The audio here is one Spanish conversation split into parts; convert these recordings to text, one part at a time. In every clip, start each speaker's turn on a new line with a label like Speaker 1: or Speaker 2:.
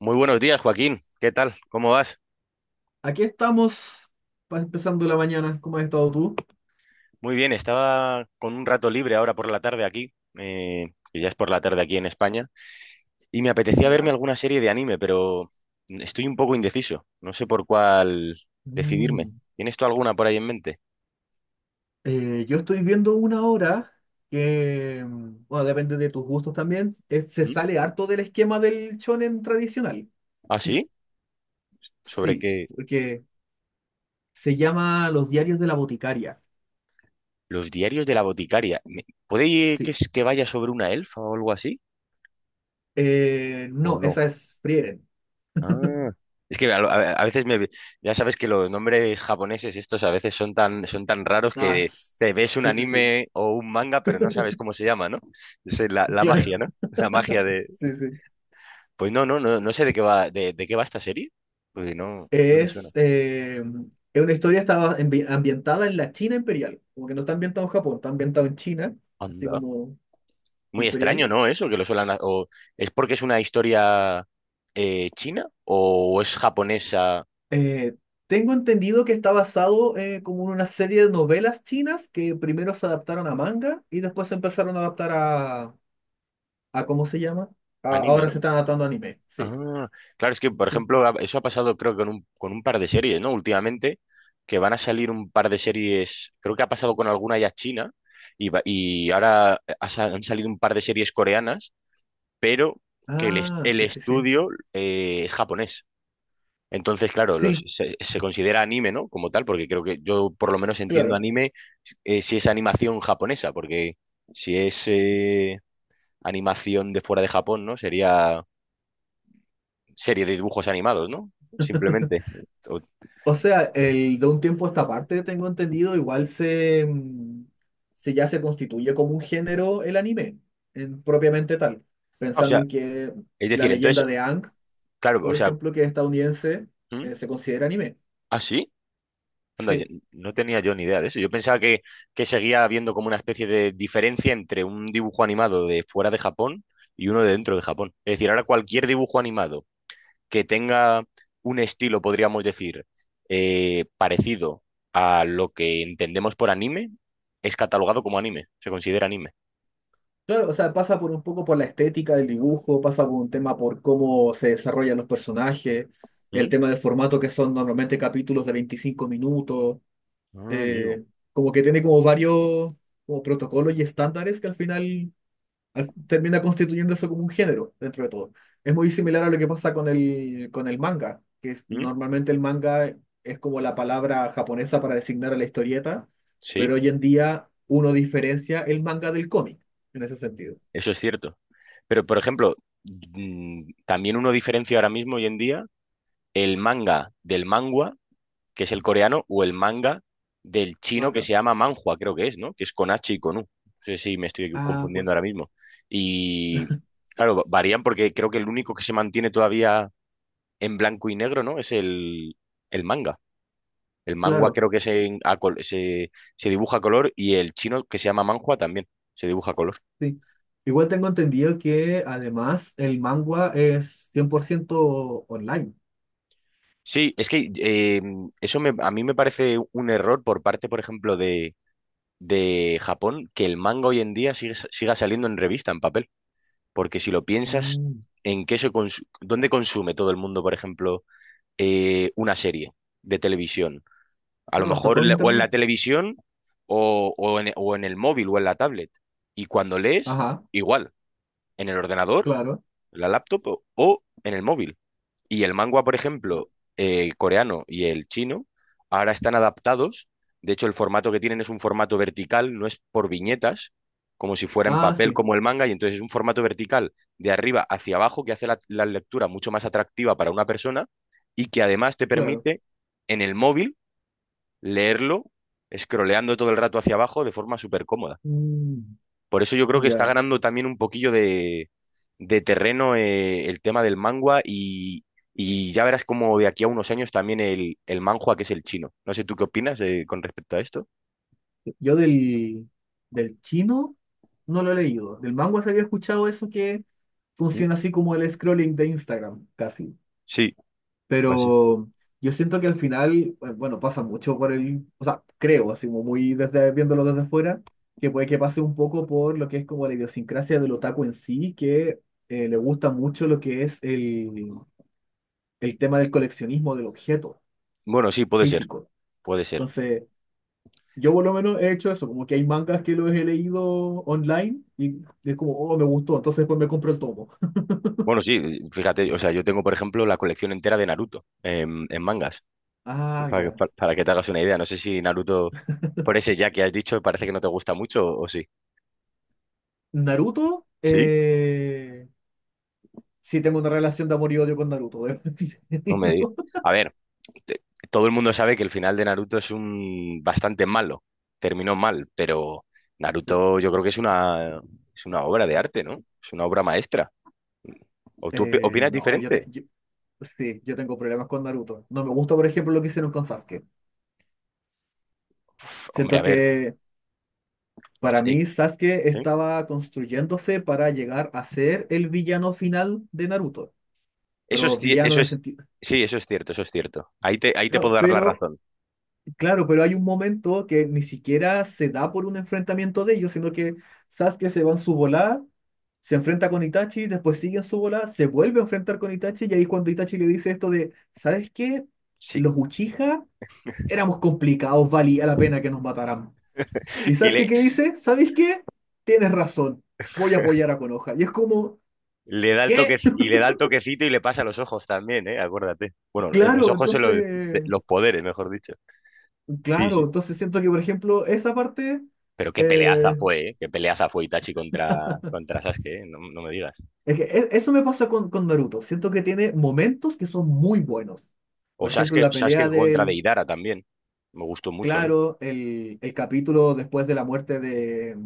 Speaker 1: Muy buenos días, Joaquín. ¿Qué tal? ¿Cómo vas?
Speaker 2: Aquí estamos, empezando la mañana. ¿Cómo has estado tú?
Speaker 1: Muy bien, estaba con un rato libre ahora por la tarde aquí, que ya es por la tarde aquí en España, y me apetecía verme
Speaker 2: ¿Ya?
Speaker 1: alguna serie de anime, pero estoy un poco indeciso. No sé por cuál decidirme.
Speaker 2: Mm.
Speaker 1: ¿Tienes tú alguna por ahí en mente?
Speaker 2: Yo estoy viendo una obra que, bueno, depende de tus gustos también, se
Speaker 1: ¿Mm?
Speaker 2: sale harto del esquema del shonen tradicional.
Speaker 1: ¿Ah, sí? ¿Sobre
Speaker 2: Sí,
Speaker 1: qué?
Speaker 2: porque se llama Los diarios de la boticaria.
Speaker 1: Los diarios de la boticaria. ¿Puede que
Speaker 2: Sí.
Speaker 1: que vaya sobre una elfa o algo así? ¿O
Speaker 2: No,
Speaker 1: no?
Speaker 2: esa es Frieren.
Speaker 1: Ah, es que a veces ya sabes que los nombres japoneses estos a veces son tan raros
Speaker 2: Ah,
Speaker 1: que te ves un
Speaker 2: sí, sí, sí,
Speaker 1: anime o un manga pero no sabes cómo se llama, ¿no? Esa es la, la
Speaker 2: claro.
Speaker 1: magia, ¿no? La magia de...
Speaker 2: Sí, sí.
Speaker 1: Pues no sé de qué va, de qué va esta serie, porque no, no me suena.
Speaker 2: Es, eh, es una historia estaba ambientada en la China imperial, como que no está ambientado en Japón, está ambientado en China, así
Speaker 1: Anda.
Speaker 2: como
Speaker 1: Muy
Speaker 2: imperial.
Speaker 1: extraño, ¿no? Eso, que lo suelan... O, ¿es porque es una historia china o es japonesa
Speaker 2: Eh, Tengo entendido que está basado como en una serie de novelas chinas que primero se adaptaron a manga y después se empezaron a adaptar a ¿cómo se llama?
Speaker 1: anime,
Speaker 2: Ahora se
Speaker 1: ¿no?
Speaker 2: están adaptando a anime, sí,
Speaker 1: Ah, claro, es que, por
Speaker 2: sí.
Speaker 1: ejemplo, eso ha pasado creo que con un par de series, ¿no? Últimamente, que van a salir un par de series, creo que ha pasado con alguna ya china, y, y ahora han salido un par de series coreanas, pero que
Speaker 2: Ah,
Speaker 1: el
Speaker 2: sí, sí, sí.
Speaker 1: estudio es japonés. Entonces, claro,
Speaker 2: Sí,
Speaker 1: se considera anime, ¿no? Como tal, porque creo que yo por lo menos entiendo
Speaker 2: claro.
Speaker 1: anime si es animación japonesa, porque si es animación de fuera de Japón, ¿no? Sería serie de dibujos animados, ¿no? Simplemente. O,
Speaker 2: O sea, de un tiempo a esta parte, tengo entendido, igual se ya se constituye como un género el anime, propiamente tal.
Speaker 1: ah, o
Speaker 2: Pensando
Speaker 1: sea,
Speaker 2: en que
Speaker 1: es
Speaker 2: la
Speaker 1: decir,
Speaker 2: leyenda
Speaker 1: entonces,
Speaker 2: de Aang,
Speaker 1: claro, o
Speaker 2: por
Speaker 1: sea,
Speaker 2: ejemplo, que es estadounidense,
Speaker 1: ¿hmm?
Speaker 2: se considera anime.
Speaker 1: ¿Ah, sí? Anda, yo
Speaker 2: Sí,
Speaker 1: no tenía yo ni idea de eso. Yo pensaba que seguía habiendo como una especie de diferencia entre un dibujo animado de fuera de Japón y uno de dentro de Japón. Es decir, ahora cualquier dibujo animado que tenga un estilo, podríamos decir, parecido a lo que entendemos por anime, es catalogado como anime, se considera anime.
Speaker 2: claro, o sea, pasa por un poco por la estética del dibujo, pasa por un tema por cómo se desarrollan los personajes, el
Speaker 1: ¿Mm?
Speaker 2: tema del formato que son normalmente capítulos de 25 minutos,
Speaker 1: Ah, amigo.
Speaker 2: eh, como que tiene como varios como protocolos y estándares que al final termina constituyéndose como un género dentro de todo. Es muy similar a lo que pasa con el manga, que
Speaker 1: ¿Mm?
Speaker 2: normalmente el manga es como la palabra japonesa para designar a la historieta,
Speaker 1: Sí.
Speaker 2: pero hoy en día uno diferencia el manga del cómic en ese sentido.
Speaker 1: Eso es cierto. Pero, por ejemplo, también uno diferencia ahora mismo, hoy en día, el manga del mangua, que es el coreano, o el manga del
Speaker 2: Ah,
Speaker 1: chino que se
Speaker 2: claro.
Speaker 1: llama manhua, creo que es, ¿no? Que es con H y con U. No sé si me estoy
Speaker 2: Ah,
Speaker 1: confundiendo
Speaker 2: pues
Speaker 1: ahora mismo. Y, claro, varían porque creo que el único que se mantiene todavía en blanco y negro, ¿no? Es el manga. El mangua
Speaker 2: claro,
Speaker 1: creo que se, se dibuja a color y el chino que se llama manhua también se dibuja a color.
Speaker 2: sí. Igual tengo entendido que además el manga es 100% online.
Speaker 1: Sí, es que eso a mí me parece un error por parte, por ejemplo, de Japón, que el manga hoy en día siga saliendo en revista, en papel. Porque si lo piensas,
Speaker 2: Mm,
Speaker 1: ¿en qué dónde consume todo el mundo, por ejemplo, una serie de televisión? A lo
Speaker 2: claro, está
Speaker 1: mejor
Speaker 2: todo en
Speaker 1: o en
Speaker 2: internet.
Speaker 1: la televisión o, o en el móvil o en la tablet. Y cuando lees,
Speaker 2: Ajá,
Speaker 1: igual, en el ordenador,
Speaker 2: claro.
Speaker 1: la laptop o en el móvil. Y el manga, por ejemplo, coreano y el chino, ahora están adaptados. De hecho, el formato que tienen es un formato vertical, no es por viñetas, como si fuera en
Speaker 2: Ah,
Speaker 1: papel
Speaker 2: sí,
Speaker 1: como el manga, y entonces es un formato vertical de arriba hacia abajo que hace la, la lectura mucho más atractiva para una persona y que además te
Speaker 2: claro.
Speaker 1: permite en el móvil leerlo, scrolleando todo el rato hacia abajo de forma súper cómoda.
Speaker 2: Mm,
Speaker 1: Por eso yo creo que está
Speaker 2: ya.
Speaker 1: ganando también un poquillo de terreno el tema del mangua y ya verás como de aquí a unos años también el manhua, que es el chino. No sé tú qué opinas con respecto a esto.
Speaker 2: Yo del chino no lo he leído. Del manga se había escuchado eso que
Speaker 1: Mm,
Speaker 2: funciona así como el scrolling de Instagram, casi.
Speaker 1: sí, así.
Speaker 2: Pero yo siento que al final, bueno, pasa mucho por el, o sea, creo, así como muy desde, viéndolo desde fuera, que puede que pase un poco por lo que es como la idiosincrasia del otaku en sí, que le gusta mucho lo que es el tema del coleccionismo del objeto
Speaker 1: Bueno, sí, puede ser,
Speaker 2: físico.
Speaker 1: puede ser.
Speaker 2: Entonces, yo por lo menos he hecho eso, como que hay mangas que los he leído online y es como, oh, me gustó, entonces después me compro el tomo.
Speaker 1: Bueno, sí, fíjate, o sea, yo tengo, por ejemplo, la colección entera de Naruto en mangas,
Speaker 2: Ah, ya.
Speaker 1: para que te hagas una idea. No sé si Naruto, por ese ya que has dicho, parece que no te gusta mucho o sí.
Speaker 2: Naruto,
Speaker 1: ¿Sí?
Speaker 2: sí tengo una relación de amor y odio con Naruto, debo
Speaker 1: No me digas.
Speaker 2: decirlo.
Speaker 1: A ver. te- todo el mundo sabe que el final de Naruto es un bastante malo, terminó mal, pero
Speaker 2: Sí.
Speaker 1: Naruto yo creo que es una obra de arte, ¿no? Es una obra maestra. ¿O tú opinas
Speaker 2: No,
Speaker 1: diferente?
Speaker 2: sí, yo tengo problemas con Naruto. No me gusta, por ejemplo, lo que hicieron con Sasuke.
Speaker 1: Uf, hombre,
Speaker 2: Siento
Speaker 1: a ver.
Speaker 2: que
Speaker 1: Pues,
Speaker 2: para mí Sasuke
Speaker 1: ¿sí?
Speaker 2: estaba construyéndose para llegar a ser el villano final de Naruto,
Speaker 1: Eso
Speaker 2: pero villano
Speaker 1: eso
Speaker 2: en el
Speaker 1: es,
Speaker 2: sentido.
Speaker 1: sí, eso es cierto, eso es cierto. Ahí te puedo
Speaker 2: Claro,
Speaker 1: dar la
Speaker 2: pero
Speaker 1: razón.
Speaker 2: Claro, pero hay un momento que ni siquiera se da por un enfrentamiento de ellos, sino que Sasuke se va en su volada, se enfrenta con Itachi, después sigue en su volada, se vuelve a enfrentar con Itachi, y ahí es cuando Itachi le dice esto de, ¿sabes qué?
Speaker 1: Sí.
Speaker 2: Los Uchiha éramos complicados, valía la pena que nos mataran. ¿Y
Speaker 1: Y
Speaker 2: Sasuke qué dice? ¿Sabes qué? Tienes razón, voy a apoyar a Konoha. Y es como,
Speaker 1: le da el toque,
Speaker 2: ¿qué?
Speaker 1: y le da el toquecito y le pasa los ojos también, ¿eh? Acuérdate. Bueno, en los
Speaker 2: Claro,
Speaker 1: ojos son los,
Speaker 2: entonces,
Speaker 1: los poderes, mejor dicho. Sí,
Speaker 2: claro,
Speaker 1: sí.
Speaker 2: entonces siento que, por ejemplo, esa parte.
Speaker 1: Pero qué peleaza
Speaker 2: eh,
Speaker 1: fue, ¿eh? Qué peleaza fue Itachi contra, contra Sasuke, ¿eh? No, no me digas.
Speaker 2: Es que eso me pasa con Naruto. Siento que tiene momentos que son muy buenos.
Speaker 1: O
Speaker 2: Por ejemplo,
Speaker 1: Sasuke,
Speaker 2: la
Speaker 1: Sasuke
Speaker 2: pelea
Speaker 1: contra Deidara también. Me gustó mucho a mí.
Speaker 2: claro, el capítulo después de la muerte de,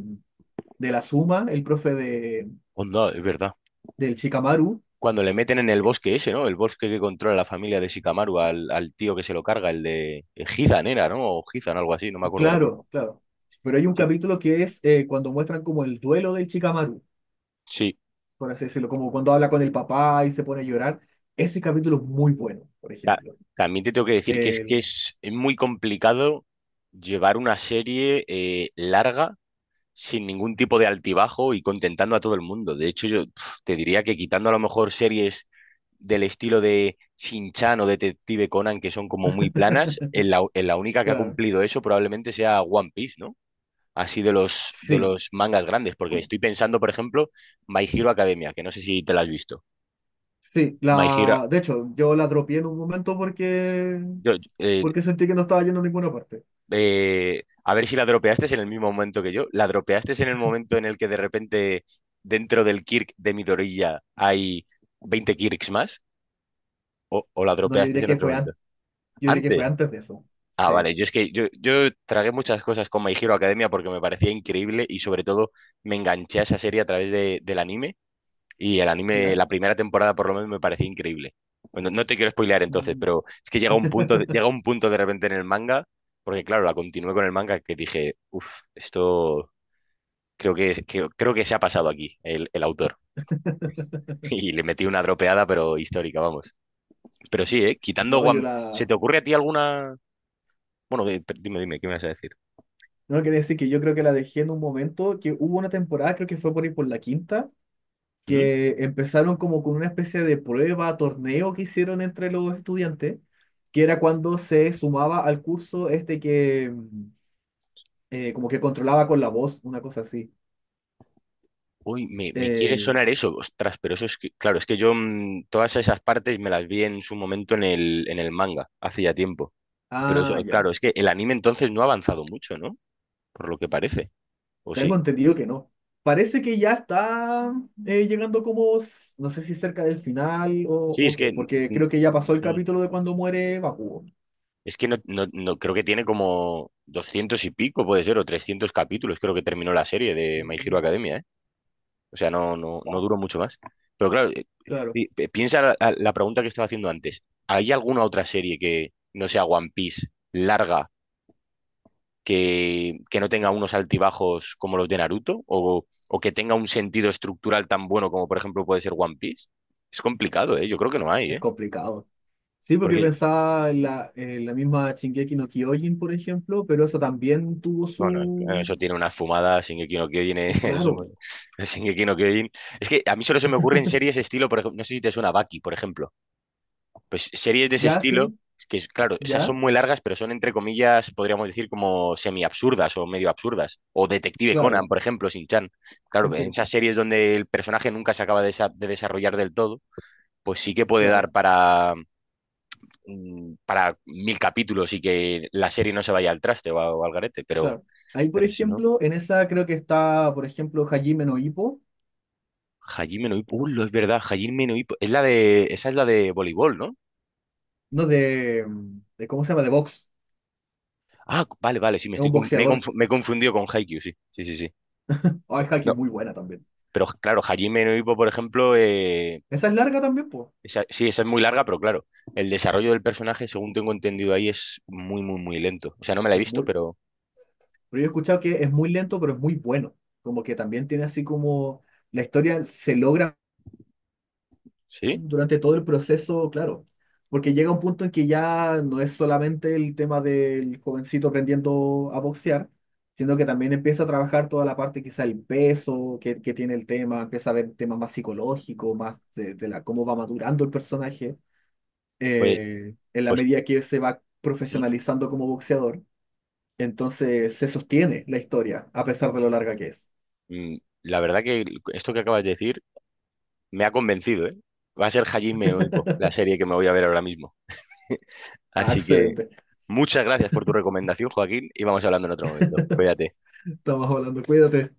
Speaker 2: de la Suma, el profe de,
Speaker 1: Onda, es verdad.
Speaker 2: del Shikamaru.
Speaker 1: Cuando le meten en el bosque ese, ¿no? El bosque que controla la familia de Shikamaru al, al tío que se lo carga, el de Hizan era, ¿no? O Hizan, algo así, no me acuerdo ahora
Speaker 2: Claro,
Speaker 1: mismo.
Speaker 2: claro. Pero hay un
Speaker 1: Sí,
Speaker 2: capítulo que es cuando muestran como el duelo del Shikamaru,
Speaker 1: sí.
Speaker 2: por así decirlo, como cuando habla con el papá y se pone a llorar. Ese capítulo es muy bueno, por
Speaker 1: Ta-
Speaker 2: ejemplo.
Speaker 1: también te tengo que decir que
Speaker 2: El,
Speaker 1: es muy complicado llevar una serie larga sin ningún tipo de altibajo y contentando a todo el mundo. De hecho, yo pf, te diría que quitando a lo mejor series del estilo de Shin-Chan o Detective Conan, que son como muy planas, en la única que ha
Speaker 2: claro,
Speaker 1: cumplido eso probablemente sea One Piece, ¿no? Así de
Speaker 2: sí.
Speaker 1: los mangas grandes, porque estoy pensando, por ejemplo, My Hero Academia, que no sé si te la has visto.
Speaker 2: Sí,
Speaker 1: My Hero,
Speaker 2: de hecho, yo la dropié en un momento porque,
Speaker 1: yo, yo, eh,
Speaker 2: porque sentí que no estaba yendo a ninguna parte.
Speaker 1: a ver si la dropeaste en el mismo momento que yo. La dropeaste en el momento en el que de repente dentro del Kirk de Midorilla hay 20 Kirks más. O la
Speaker 2: No, yo
Speaker 1: dropeaste
Speaker 2: diría
Speaker 1: en
Speaker 2: que
Speaker 1: otro
Speaker 2: fue
Speaker 1: momento?
Speaker 2: antes, yo diría que fue
Speaker 1: Antes.
Speaker 2: antes de eso.
Speaker 1: Ah,
Speaker 2: Sí,
Speaker 1: vale. Yo es que yo tragué muchas cosas con My Hero Academia porque me parecía increíble y sobre todo me enganché a esa serie a través del anime y el anime,
Speaker 2: ¿ya?
Speaker 1: la primera temporada por lo menos me parecía increíble. Bueno, no te quiero spoilear entonces,
Speaker 2: Mm.
Speaker 1: pero es que llega un punto, llega un punto de repente en el manga, porque claro, la continué con el manga que dije, uff, esto creo que, creo que se ha pasado aquí el autor. Y le metí una dropeada, pero histórica, vamos. Pero sí,
Speaker 2: Ya.
Speaker 1: ¿eh? Quitando
Speaker 2: No, yo
Speaker 1: One... ¿Se
Speaker 2: la.
Speaker 1: te ocurre a ti alguna... Bueno, dime, dime, ¿qué me vas a decir?
Speaker 2: No, quería decir que yo creo que la dejé en un momento que hubo una temporada, creo que fue por ahí por la quinta,
Speaker 1: ¿Mm?
Speaker 2: que empezaron como con una especie de prueba, torneo que hicieron entre los estudiantes, que era cuando se sumaba al curso este que como que controlaba con la voz, una cosa así.
Speaker 1: Uy, me quiere
Speaker 2: Eh,
Speaker 1: sonar eso, ostras, pero eso es que, claro, es que yo todas esas partes me las vi en su momento en el manga, hace ya tiempo. Pero eso,
Speaker 2: ah, ya.
Speaker 1: claro, es que el anime entonces no ha avanzado mucho, ¿no? Por lo que parece, ¿o
Speaker 2: Tengo
Speaker 1: sí?
Speaker 2: entendido que no. Parece que ya está llegando como, no sé si cerca del final o,
Speaker 1: Sí,
Speaker 2: o
Speaker 1: es
Speaker 2: qué,
Speaker 1: que, mm,
Speaker 2: porque creo que
Speaker 1: mm,
Speaker 2: ya pasó el
Speaker 1: mm,
Speaker 2: capítulo de cuando muere Bakugo.
Speaker 1: es que creo que tiene como 200 y pico, puede ser, o 300 capítulos, creo que terminó la serie de My Hero
Speaker 2: Mm.
Speaker 1: Academia, ¿eh? O sea, no, no, no
Speaker 2: Wow,
Speaker 1: duró mucho más. Pero claro,
Speaker 2: claro,
Speaker 1: piensa la, la pregunta que estaba haciendo antes. ¿Hay alguna otra serie que no sea One Piece larga que no tenga unos altibajos como los de Naruto? O que tenga un sentido estructural tan bueno como por ejemplo puede ser One Piece? Es complicado, ¿eh? Yo creo que no hay,
Speaker 2: es
Speaker 1: ¿eh?
Speaker 2: complicado. Sí, porque
Speaker 1: Porque,
Speaker 2: pensaba en la misma Shingeki no Kyojin, por ejemplo, pero eso también tuvo
Speaker 1: bueno,
Speaker 2: su.
Speaker 1: eso tiene una fumada, Shingeki no Kyojin, es
Speaker 2: Claro,
Speaker 1: un- Shingeki no Kyojin. Es que a mí solo se me ocurren series estilo, por ejemplo, no sé si te suena Baki, por ejemplo. Pues series de ese
Speaker 2: ya
Speaker 1: estilo,
Speaker 2: sí,
Speaker 1: claro, esas son
Speaker 2: ya,
Speaker 1: muy largas, pero son entre comillas, podríamos decir, como semi-absurdas o medio absurdas. O Detective
Speaker 2: claro,
Speaker 1: Conan, por ejemplo, sin chan.
Speaker 2: sí,
Speaker 1: Claro, en
Speaker 2: sí,
Speaker 1: esas series donde el personaje nunca se acaba de, de desarrollar del todo, pues sí que puede dar
Speaker 2: claro,
Speaker 1: para, para 1000 capítulos y que la serie no se vaya al traste o, o al garete,
Speaker 2: claro. Ahí, por
Speaker 1: pero si no.
Speaker 2: ejemplo, en esa creo que está, por ejemplo, Hajime no Ippo.
Speaker 1: Hajime no Ippo,
Speaker 2: No
Speaker 1: lo es
Speaker 2: sé.
Speaker 1: verdad, Hajime no Ippo. Es la de, esa es la de voleibol, ¿no?
Speaker 2: No, de. ¿Cómo se llama? De box.
Speaker 1: Ah, vale, vale, sí,
Speaker 2: Es un boxeador.
Speaker 1: me he confundido con Haikyuu, sí, sí, sí, sí.
Speaker 2: Ah, es
Speaker 1: No,
Speaker 2: Haikyuu, muy buena también.
Speaker 1: pero claro, Hajime no Ippo, por ejemplo,
Speaker 2: Esa es larga también, pues.
Speaker 1: sí, esa es muy larga, pero claro, el desarrollo del personaje, según tengo entendido ahí, es muy, muy, muy lento. O sea, no me la he
Speaker 2: Es
Speaker 1: visto,
Speaker 2: muy.
Speaker 1: pero
Speaker 2: Pero yo he escuchado que es muy lento, pero es muy bueno. Como que también tiene así como. La historia se logra
Speaker 1: sí,
Speaker 2: durante todo el proceso, claro. Porque llega un punto en que ya no es solamente el tema del jovencito aprendiendo a boxear, sino que también empieza a trabajar toda la parte, quizá el peso que tiene el tema, empieza a ver temas más psicológicos, más cómo va madurando el personaje.
Speaker 1: pues,
Speaker 2: En la
Speaker 1: pues
Speaker 2: medida que él se va profesionalizando como boxeador, entonces se sostiene la historia, a pesar de lo larga que es.
Speaker 1: mm, la verdad que esto que acabas de decir me ha convencido, ¿eh? Va a ser Hajime no Ippo, la serie que me voy a ver ahora mismo.
Speaker 2: Ah,
Speaker 1: Así que
Speaker 2: excelente.
Speaker 1: muchas gracias por tu recomendación, Joaquín, y vamos hablando en otro momento. Cuídate.
Speaker 2: Estamos hablando, cuídate.